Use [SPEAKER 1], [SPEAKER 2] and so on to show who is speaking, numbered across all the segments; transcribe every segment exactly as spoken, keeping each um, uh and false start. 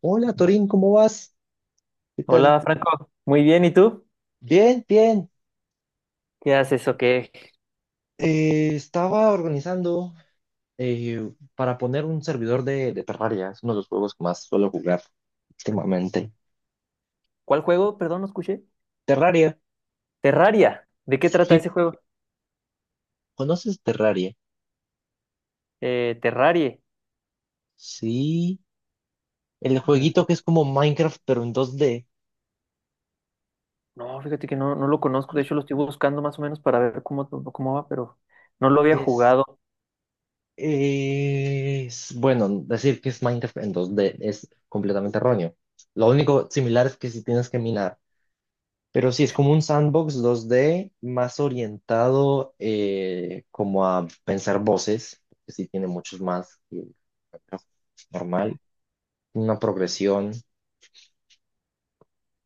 [SPEAKER 1] Hola Torín, ¿cómo vas? ¿Qué tal?
[SPEAKER 2] Hola Franco, muy bien, ¿y tú?
[SPEAKER 1] Bien, bien.
[SPEAKER 2] ¿Qué haces o qué?
[SPEAKER 1] Eh, estaba organizando, eh, para poner un servidor de, de Terraria. Es uno de los juegos que más suelo jugar últimamente.
[SPEAKER 2] ¿Cuál juego? Perdón, no escuché.
[SPEAKER 1] Terraria.
[SPEAKER 2] Terraria, ¿de qué trata
[SPEAKER 1] Sí,
[SPEAKER 2] ese juego?
[SPEAKER 1] ¿conoces Terraria?
[SPEAKER 2] Eh, Terrarie.
[SPEAKER 1] Sí. El
[SPEAKER 2] Mm,
[SPEAKER 1] jueguito que es como Minecraft, pero en dos D.
[SPEAKER 2] no, fíjate que no, no lo conozco, de hecho lo estoy buscando más o menos para ver cómo, cómo va, pero no lo había
[SPEAKER 1] Es,
[SPEAKER 2] jugado.
[SPEAKER 1] eh, es- bueno, decir que es Minecraft en dos D es completamente erróneo. Lo único similar es que si tienes que minar. Pero sí, es como un sandbox dos D más orientado, eh, como a pensar voces, que sí tiene muchos más que el normal, una progresión,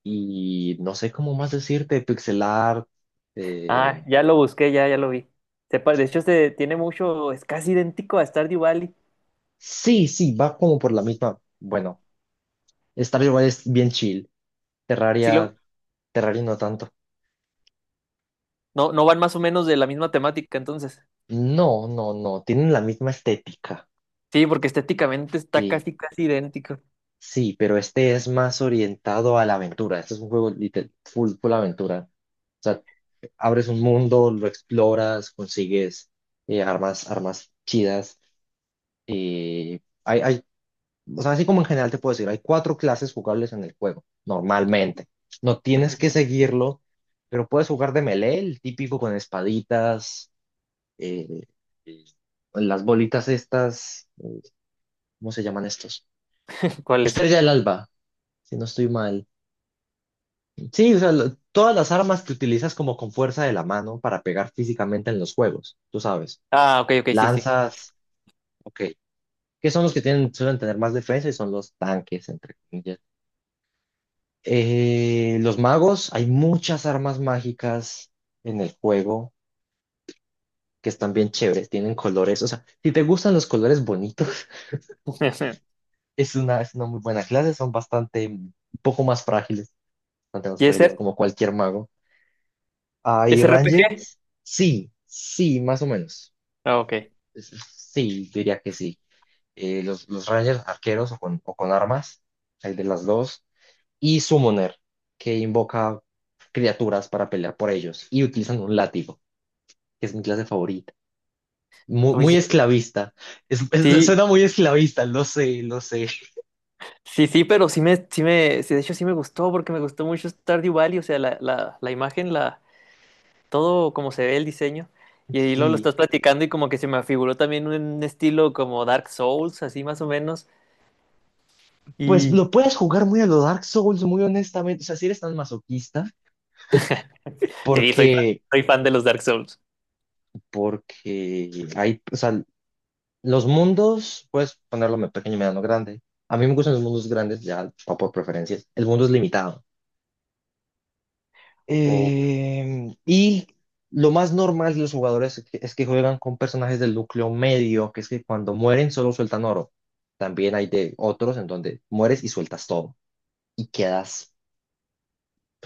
[SPEAKER 1] y no sé cómo más decirte, pixel art. eh,
[SPEAKER 2] Ah, ya lo busqué, ya, ya lo vi. Se pa- de hecho, se tiene mucho, es casi idéntico a Stardew Valley.
[SPEAKER 1] sí, sí, va como por la misma. Bueno, Stardew Valley es bien chill,
[SPEAKER 2] Sí, lo,
[SPEAKER 1] Terraria, Terraria no tanto.
[SPEAKER 2] no, no van más o menos de la misma temática, entonces.
[SPEAKER 1] No, no, no, tienen la misma estética.
[SPEAKER 2] Sí, porque estéticamente está
[SPEAKER 1] sí
[SPEAKER 2] casi, casi idéntico.
[SPEAKER 1] Sí, pero este es más orientado a la aventura. Este es un juego lite- full, full aventura. O sea, abres un mundo, lo exploras, consigues, eh, armas, armas chidas. eh, hay, hay, o sea, así como en general te puedo decir, hay cuatro clases jugables en el juego, normalmente. No tienes
[SPEAKER 2] Ujú.
[SPEAKER 1] que seguirlo, pero puedes jugar de melee, el típico con espaditas. eh, eh, las bolitas estas, ¿cómo se llaman estos?
[SPEAKER 2] ¿Cuál es?
[SPEAKER 1] Estrella del Alba, si no estoy mal. Sí, o sea, lo- todas las armas que utilizas como con fuerza de la mano para pegar físicamente en los juegos, tú sabes.
[SPEAKER 2] Ah, ok, ok, sí, sí.
[SPEAKER 1] Lanzas, ok, que son los que tienen, suelen tener más defensa. Y son los tanques, entre comillas. Eh, los magos, hay muchas armas mágicas en el juego que están bien chéveres, tienen colores. O sea, si te gustan los colores bonitos, es una, es una, muy buena clase, son bastante, un poco más frágiles, bastante más
[SPEAKER 2] ¿Y
[SPEAKER 1] frágiles,
[SPEAKER 2] ese?
[SPEAKER 1] como cualquier mago. Ah, y
[SPEAKER 2] ¿Es
[SPEAKER 1] Ranger,
[SPEAKER 2] R P G?
[SPEAKER 1] sí, sí, más o menos.
[SPEAKER 2] Ah, ok.
[SPEAKER 1] Sí, diría que sí. Eh, los, los Rangers arqueros o con, o con armas, hay de las dos. Y Summoner, que invoca criaturas para pelear por ellos. Y utilizan un látigo, que es mi clase favorita. Mu- Muy,
[SPEAKER 2] Oye,
[SPEAKER 1] esclavista. Es- es-
[SPEAKER 2] sí,
[SPEAKER 1] suena muy esclavista, lo sé, lo sé.
[SPEAKER 2] sí, sí, pero sí me, sí me, sí, de hecho sí me gustó porque me gustó mucho Stardew Valley, o sea, la, la, la imagen, la, todo como se ve el diseño. Y ahí lo, lo
[SPEAKER 1] Sí.
[SPEAKER 2] estás platicando y como que se me afiguró también un estilo como Dark Souls, así más o menos.
[SPEAKER 1] Pues
[SPEAKER 2] Y
[SPEAKER 1] lo puedes jugar muy a lo Dark Souls, muy honestamente. O sea, si eres tan masoquista,
[SPEAKER 2] sí, soy fan,
[SPEAKER 1] porque,
[SPEAKER 2] soy fan de los Dark Souls.
[SPEAKER 1] porque hay, o sea, los mundos, puedes ponerlo me- pequeño, mediano, grande. A mí me gustan los mundos grandes, ya va por preferencias. El mundo es limitado.
[SPEAKER 2] Oh.
[SPEAKER 1] Eh, y lo más normal de los jugadores es que, es que, juegan con personajes del núcleo medio, que es que cuando mueren solo sueltan oro. También hay de otros en donde mueres y sueltas todo y quedas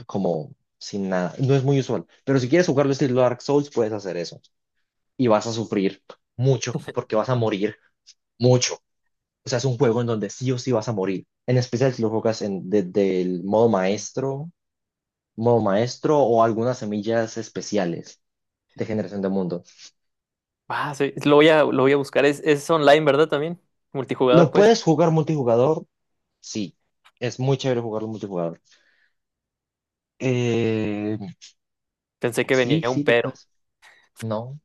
[SPEAKER 1] como sin nada. No es muy usual, pero si quieres jugarlo estilo Dark Souls, puedes hacer eso. Y vas a sufrir mucho porque vas a morir mucho. O sea, es un juego en donde sí o sí vas a morir. En especial si lo juegas en, desde el modo maestro, modo maestro o algunas semillas especiales de generación de mundo.
[SPEAKER 2] Ah, sí, lo voy a, lo voy a buscar. Es, es online, ¿verdad? También. Multijugador,
[SPEAKER 1] ¿Lo
[SPEAKER 2] pues.
[SPEAKER 1] puedes jugar multijugador? Sí. Es muy chévere jugarlo multijugador. Eh,
[SPEAKER 2] Pensé que
[SPEAKER 1] sí,
[SPEAKER 2] venía
[SPEAKER 1] sí,
[SPEAKER 2] un
[SPEAKER 1] lo
[SPEAKER 2] pero.
[SPEAKER 1] puedes. No,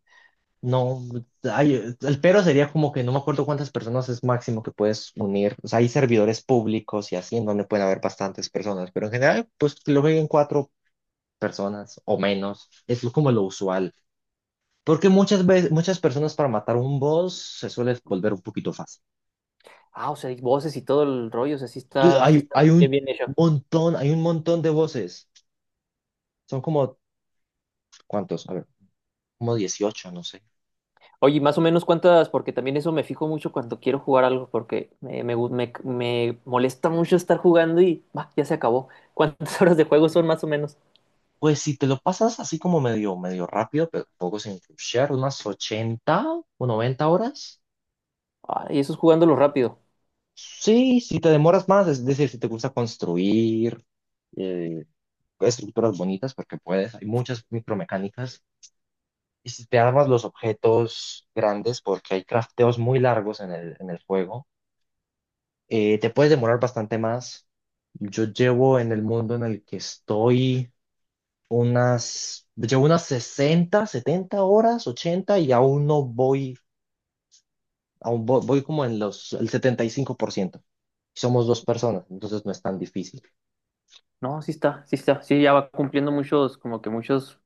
[SPEAKER 1] no. Ay, el pero sería como que no me acuerdo cuántas personas es máximo que puedes unir. O sea, hay servidores públicos y así en donde pueden haber bastantes personas, pero en general, pues que lo jueguen cuatro personas o menos. Es como lo usual. Porque muchas veces, muchas personas para matar un boss se suele volver un poquito fácil.
[SPEAKER 2] Ah, o sea, hay voces y todo el rollo, o sea, sí
[SPEAKER 1] Tú-
[SPEAKER 2] está, sí
[SPEAKER 1] Hay,
[SPEAKER 2] está
[SPEAKER 1] hay
[SPEAKER 2] bien
[SPEAKER 1] un
[SPEAKER 2] bien hecho.
[SPEAKER 1] montón, hay un montón de voces. Son como, ¿cuántos? A ver, como dieciocho, no sé.
[SPEAKER 2] Oye, más o menos cuántas, porque también eso me fijo mucho cuando quiero jugar algo, porque eh, me, gu- me, me molesta mucho estar jugando y bah, ya se acabó. ¿Cuántas horas de juego son más o menos?
[SPEAKER 1] Pues si te lo pasas así como medio, medio rápido, pero tampoco sin rushear, unas ochenta o noventa horas.
[SPEAKER 2] Ah, y eso es jugándolo rápido.
[SPEAKER 1] Sí, si te demoras más, es decir, si te gusta construir, eh, estructuras bonitas, porque puedes, hay muchas micromecánicas. Y si te armas los objetos grandes, porque hay crafteos muy largos en el, en el juego, eh, te puedes demorar bastante más. Yo llevo en el mundo en el que estoy unas, llevo unas sesenta setenta horas, ochenta, y aún no voy, aún vo- voy, como en los, el setenta y cinco por ciento. Somos dos personas, entonces no es tan difícil.
[SPEAKER 2] No, sí está, sí está, sí ya va cumpliendo muchos, como que muchos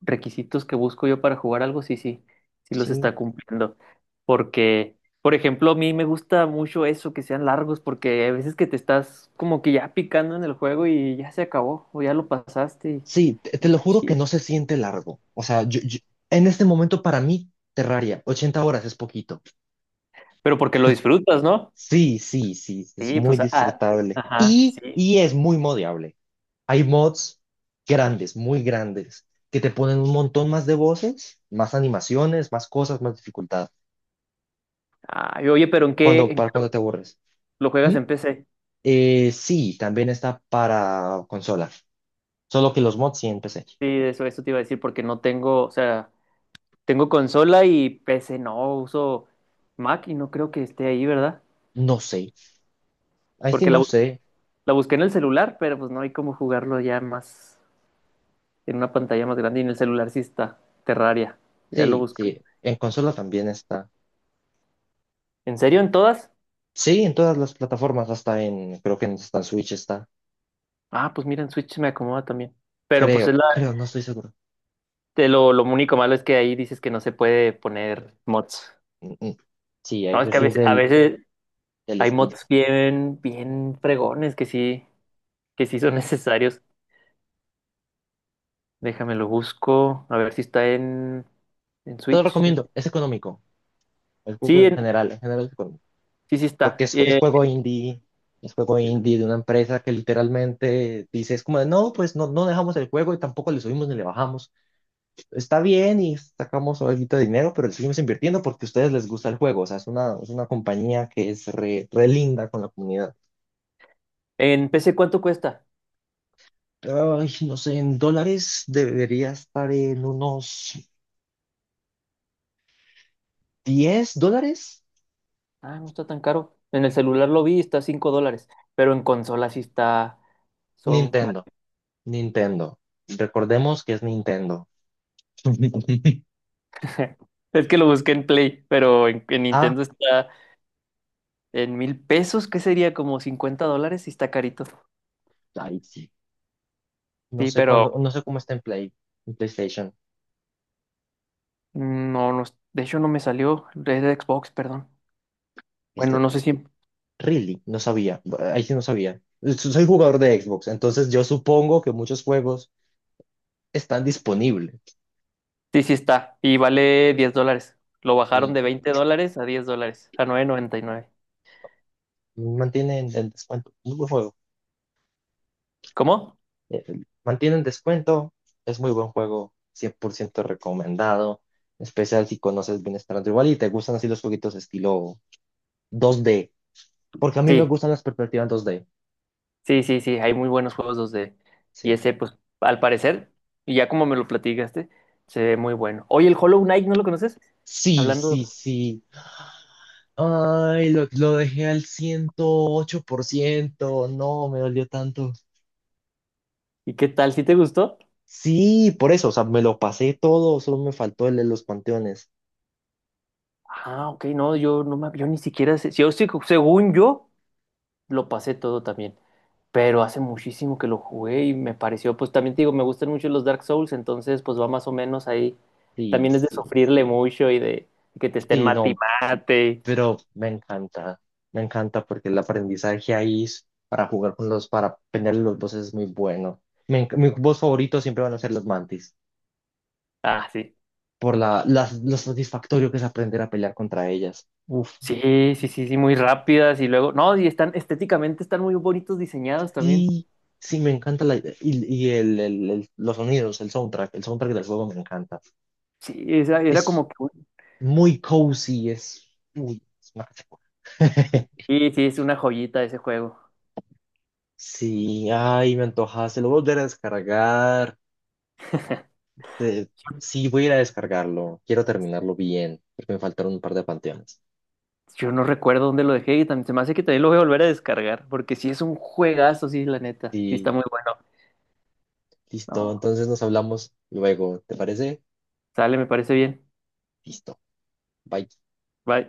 [SPEAKER 2] requisitos que busco yo para jugar algo, sí, sí, sí los
[SPEAKER 1] Sí,
[SPEAKER 2] está cumpliendo. Porque, por ejemplo, a mí me gusta mucho eso, que sean largos, porque a veces que te estás como que ya picando en el juego y ya se acabó, o ya lo pasaste.
[SPEAKER 1] sí, te, te lo juro que no se siente largo. O sea, yo- yo- en este momento para mí, Terraria, ochenta horas es poquito.
[SPEAKER 2] Pero porque lo disfrutas, ¿no?
[SPEAKER 1] Sí, sí, sí, es
[SPEAKER 2] Sí,
[SPEAKER 1] muy
[SPEAKER 2] pues, ah,
[SPEAKER 1] disfrutable,
[SPEAKER 2] ajá,
[SPEAKER 1] y,
[SPEAKER 2] sí.
[SPEAKER 1] y es muy modiable. Hay mods grandes, muy grandes, que te ponen un montón más de voces, más animaciones, más cosas, más dificultad,
[SPEAKER 2] Ay, oye, pero ¿en qué,
[SPEAKER 1] cuando,
[SPEAKER 2] en qué
[SPEAKER 1] para
[SPEAKER 2] lo,
[SPEAKER 1] cuando te aburres.
[SPEAKER 2] lo juegas
[SPEAKER 1] ¿Mm?
[SPEAKER 2] en P C?
[SPEAKER 1] Eh, sí, también está para consola, solo que los mods sí en P C.
[SPEAKER 2] Sí, eso, eso te iba a decir porque no tengo, o sea, tengo consola y P C no, uso Mac y no creo que esté ahí, ¿verdad?
[SPEAKER 1] No sé, ahí sí
[SPEAKER 2] Porque la,
[SPEAKER 1] no
[SPEAKER 2] bus-
[SPEAKER 1] sé.
[SPEAKER 2] la busqué en el celular, pero pues no hay cómo jugarlo ya más en una pantalla más grande y en el celular sí está Terraria, ya lo
[SPEAKER 1] Sí,
[SPEAKER 2] busqué.
[SPEAKER 1] sí, en consola también está.
[SPEAKER 2] ¿En serio en todas?
[SPEAKER 1] Sí, en todas las plataformas, hasta en, creo que hasta en Switch está.
[SPEAKER 2] Ah, pues mira, en Switch me acomoda también. Pero pues es
[SPEAKER 1] Creo,
[SPEAKER 2] la,
[SPEAKER 1] creo, no estoy seguro.
[SPEAKER 2] te lo, lo único malo es que ahí dices que no se puede poner mods.
[SPEAKER 1] Mm, mm. Sí,
[SPEAKER 2] No, es
[SPEAKER 1] ese
[SPEAKER 2] que a
[SPEAKER 1] sí es
[SPEAKER 2] veces, a
[SPEAKER 1] del,
[SPEAKER 2] veces
[SPEAKER 1] del
[SPEAKER 2] hay
[SPEAKER 1] Steam.
[SPEAKER 2] mods bien, bien fregones que sí, que sí son necesarios. Déjame lo busco, a ver si está en, en
[SPEAKER 1] Te lo
[SPEAKER 2] Switch.
[SPEAKER 1] recomiendo, es económico. El juego
[SPEAKER 2] Sí,
[SPEAKER 1] en
[SPEAKER 2] en-
[SPEAKER 1] general, en general, es económico.
[SPEAKER 2] sí, sí
[SPEAKER 1] Porque
[SPEAKER 2] está.
[SPEAKER 1] es, es
[SPEAKER 2] Eh,
[SPEAKER 1] juego indie, es juego indie de una empresa que literalmente dice, es como de, no, pues no, no dejamos el juego y tampoco le subimos ni le bajamos. Está bien y sacamos algo de dinero, pero le seguimos invirtiendo porque a ustedes les gusta el juego. O sea, es una, es una compañía que es re, re linda con la comunidad.
[SPEAKER 2] en P C, ¿cuánto cuesta?
[SPEAKER 1] Ay, no sé, en dólares debería estar en unos diez dólares.
[SPEAKER 2] Ah, no está tan caro. En el celular lo vi, está cinco dólares, pero en consola sí está, son...
[SPEAKER 1] Nintendo. Nintendo. Recordemos que es Nintendo.
[SPEAKER 2] Es que lo busqué en Play, pero en, en
[SPEAKER 1] Ah,
[SPEAKER 2] Nintendo está en mil pesos, que sería como cincuenta dólares y está carito.
[SPEAKER 1] ay, sí. no
[SPEAKER 2] Sí,
[SPEAKER 1] sé
[SPEAKER 2] pero...
[SPEAKER 1] cuándo, no sé cómo está en Play, en PlayStation.
[SPEAKER 2] No, no, es- de hecho no me salió. Es de Xbox, perdón. Bueno,
[SPEAKER 1] Este,
[SPEAKER 2] no sé si.
[SPEAKER 1] really, no sabía. Ahí sí no sabía. So- Soy jugador de Xbox, entonces yo supongo que muchos juegos están disponibles.
[SPEAKER 2] Sí, sí está. Y vale diez dólares. Lo bajaron
[SPEAKER 1] Mm,
[SPEAKER 2] de veinte dólares a diez dólares. A nueve noventa y nueve.
[SPEAKER 1] Mantienen el descuento. Muy buen juego.
[SPEAKER 2] ¿Cómo?
[SPEAKER 1] Eh, Mantienen descuento. Es muy buen juego. cien por ciento recomendado. En especial si conoces bien Stardew Valley y te gustan así los jueguitos estilo dos D. Porque a mí me
[SPEAKER 2] Sí,
[SPEAKER 1] gustan las perspectivas dos D.
[SPEAKER 2] sí, sí, sí. Hay muy buenos juegos dos D. Y
[SPEAKER 1] Sí.
[SPEAKER 2] ese, pues, al parecer, y ya como me lo platicaste, se ve muy bueno. Oye, el Hollow Knight, ¿no lo conoces?
[SPEAKER 1] Sí, sí,
[SPEAKER 2] Hablando.
[SPEAKER 1] sí. Ay, lo, lo dejé al ciento ocho por ciento. No, me dolió tanto.
[SPEAKER 2] ¿Y qué tal? ¿Sí te gustó?
[SPEAKER 1] Sí, por eso, o sea, me lo pasé todo, solo me faltó el de los panteones.
[SPEAKER 2] Ah, ok, no, yo no me, yo ni siquiera sé. Yo sí, según yo, lo pasé todo también. Pero hace muchísimo que lo jugué y me pareció, pues también te digo, me gustan mucho los Dark Souls, entonces pues va más o menos ahí.
[SPEAKER 1] Sí,
[SPEAKER 2] También es de
[SPEAKER 1] sí.
[SPEAKER 2] sufrirle mucho y de que te estén
[SPEAKER 1] Sí,
[SPEAKER 2] mate y
[SPEAKER 1] no,
[SPEAKER 2] mate.
[SPEAKER 1] pero me encanta. Me encanta porque el aprendizaje ahí es para jugar con los, para pelearle los bosses es muy bueno. Me enc- mi boss favorito siempre van a ser los mantis,
[SPEAKER 2] Ah, sí.
[SPEAKER 1] por la, las- lo satisfactorio que es aprender a pelear contra ellas. Uf.
[SPEAKER 2] Sí, sí, sí, sí, muy rápidas y luego, no, y están estéticamente están muy bonitos diseñados también.
[SPEAKER 1] Sí, sí, me encanta la idea. y, y el, el- el- los sonidos, el soundtrack, el soundtrack del juego me encanta.
[SPEAKER 2] Sí, esa- era
[SPEAKER 1] Es
[SPEAKER 2] como que un-
[SPEAKER 1] muy cozy, es, uy, es mágico.
[SPEAKER 2] Sí, sí, es una joyita ese juego.
[SPEAKER 1] Sí, ay, me antojaste, lo voy a volver a descargar. Te- sí, voy a ir a descargarlo, quiero terminarlo bien, porque me faltaron un par de panteones.
[SPEAKER 2] Yo no recuerdo dónde lo dejé y también se me hace que también lo voy a volver a descargar, porque sí es un juegazo, sí, la neta. Sí está
[SPEAKER 1] Sí,
[SPEAKER 2] muy bueno.
[SPEAKER 1] listo,
[SPEAKER 2] No,
[SPEAKER 1] entonces nos hablamos luego, ¿te parece?
[SPEAKER 2] sale, me parece bien.
[SPEAKER 1] Listo, bye.
[SPEAKER 2] Bye.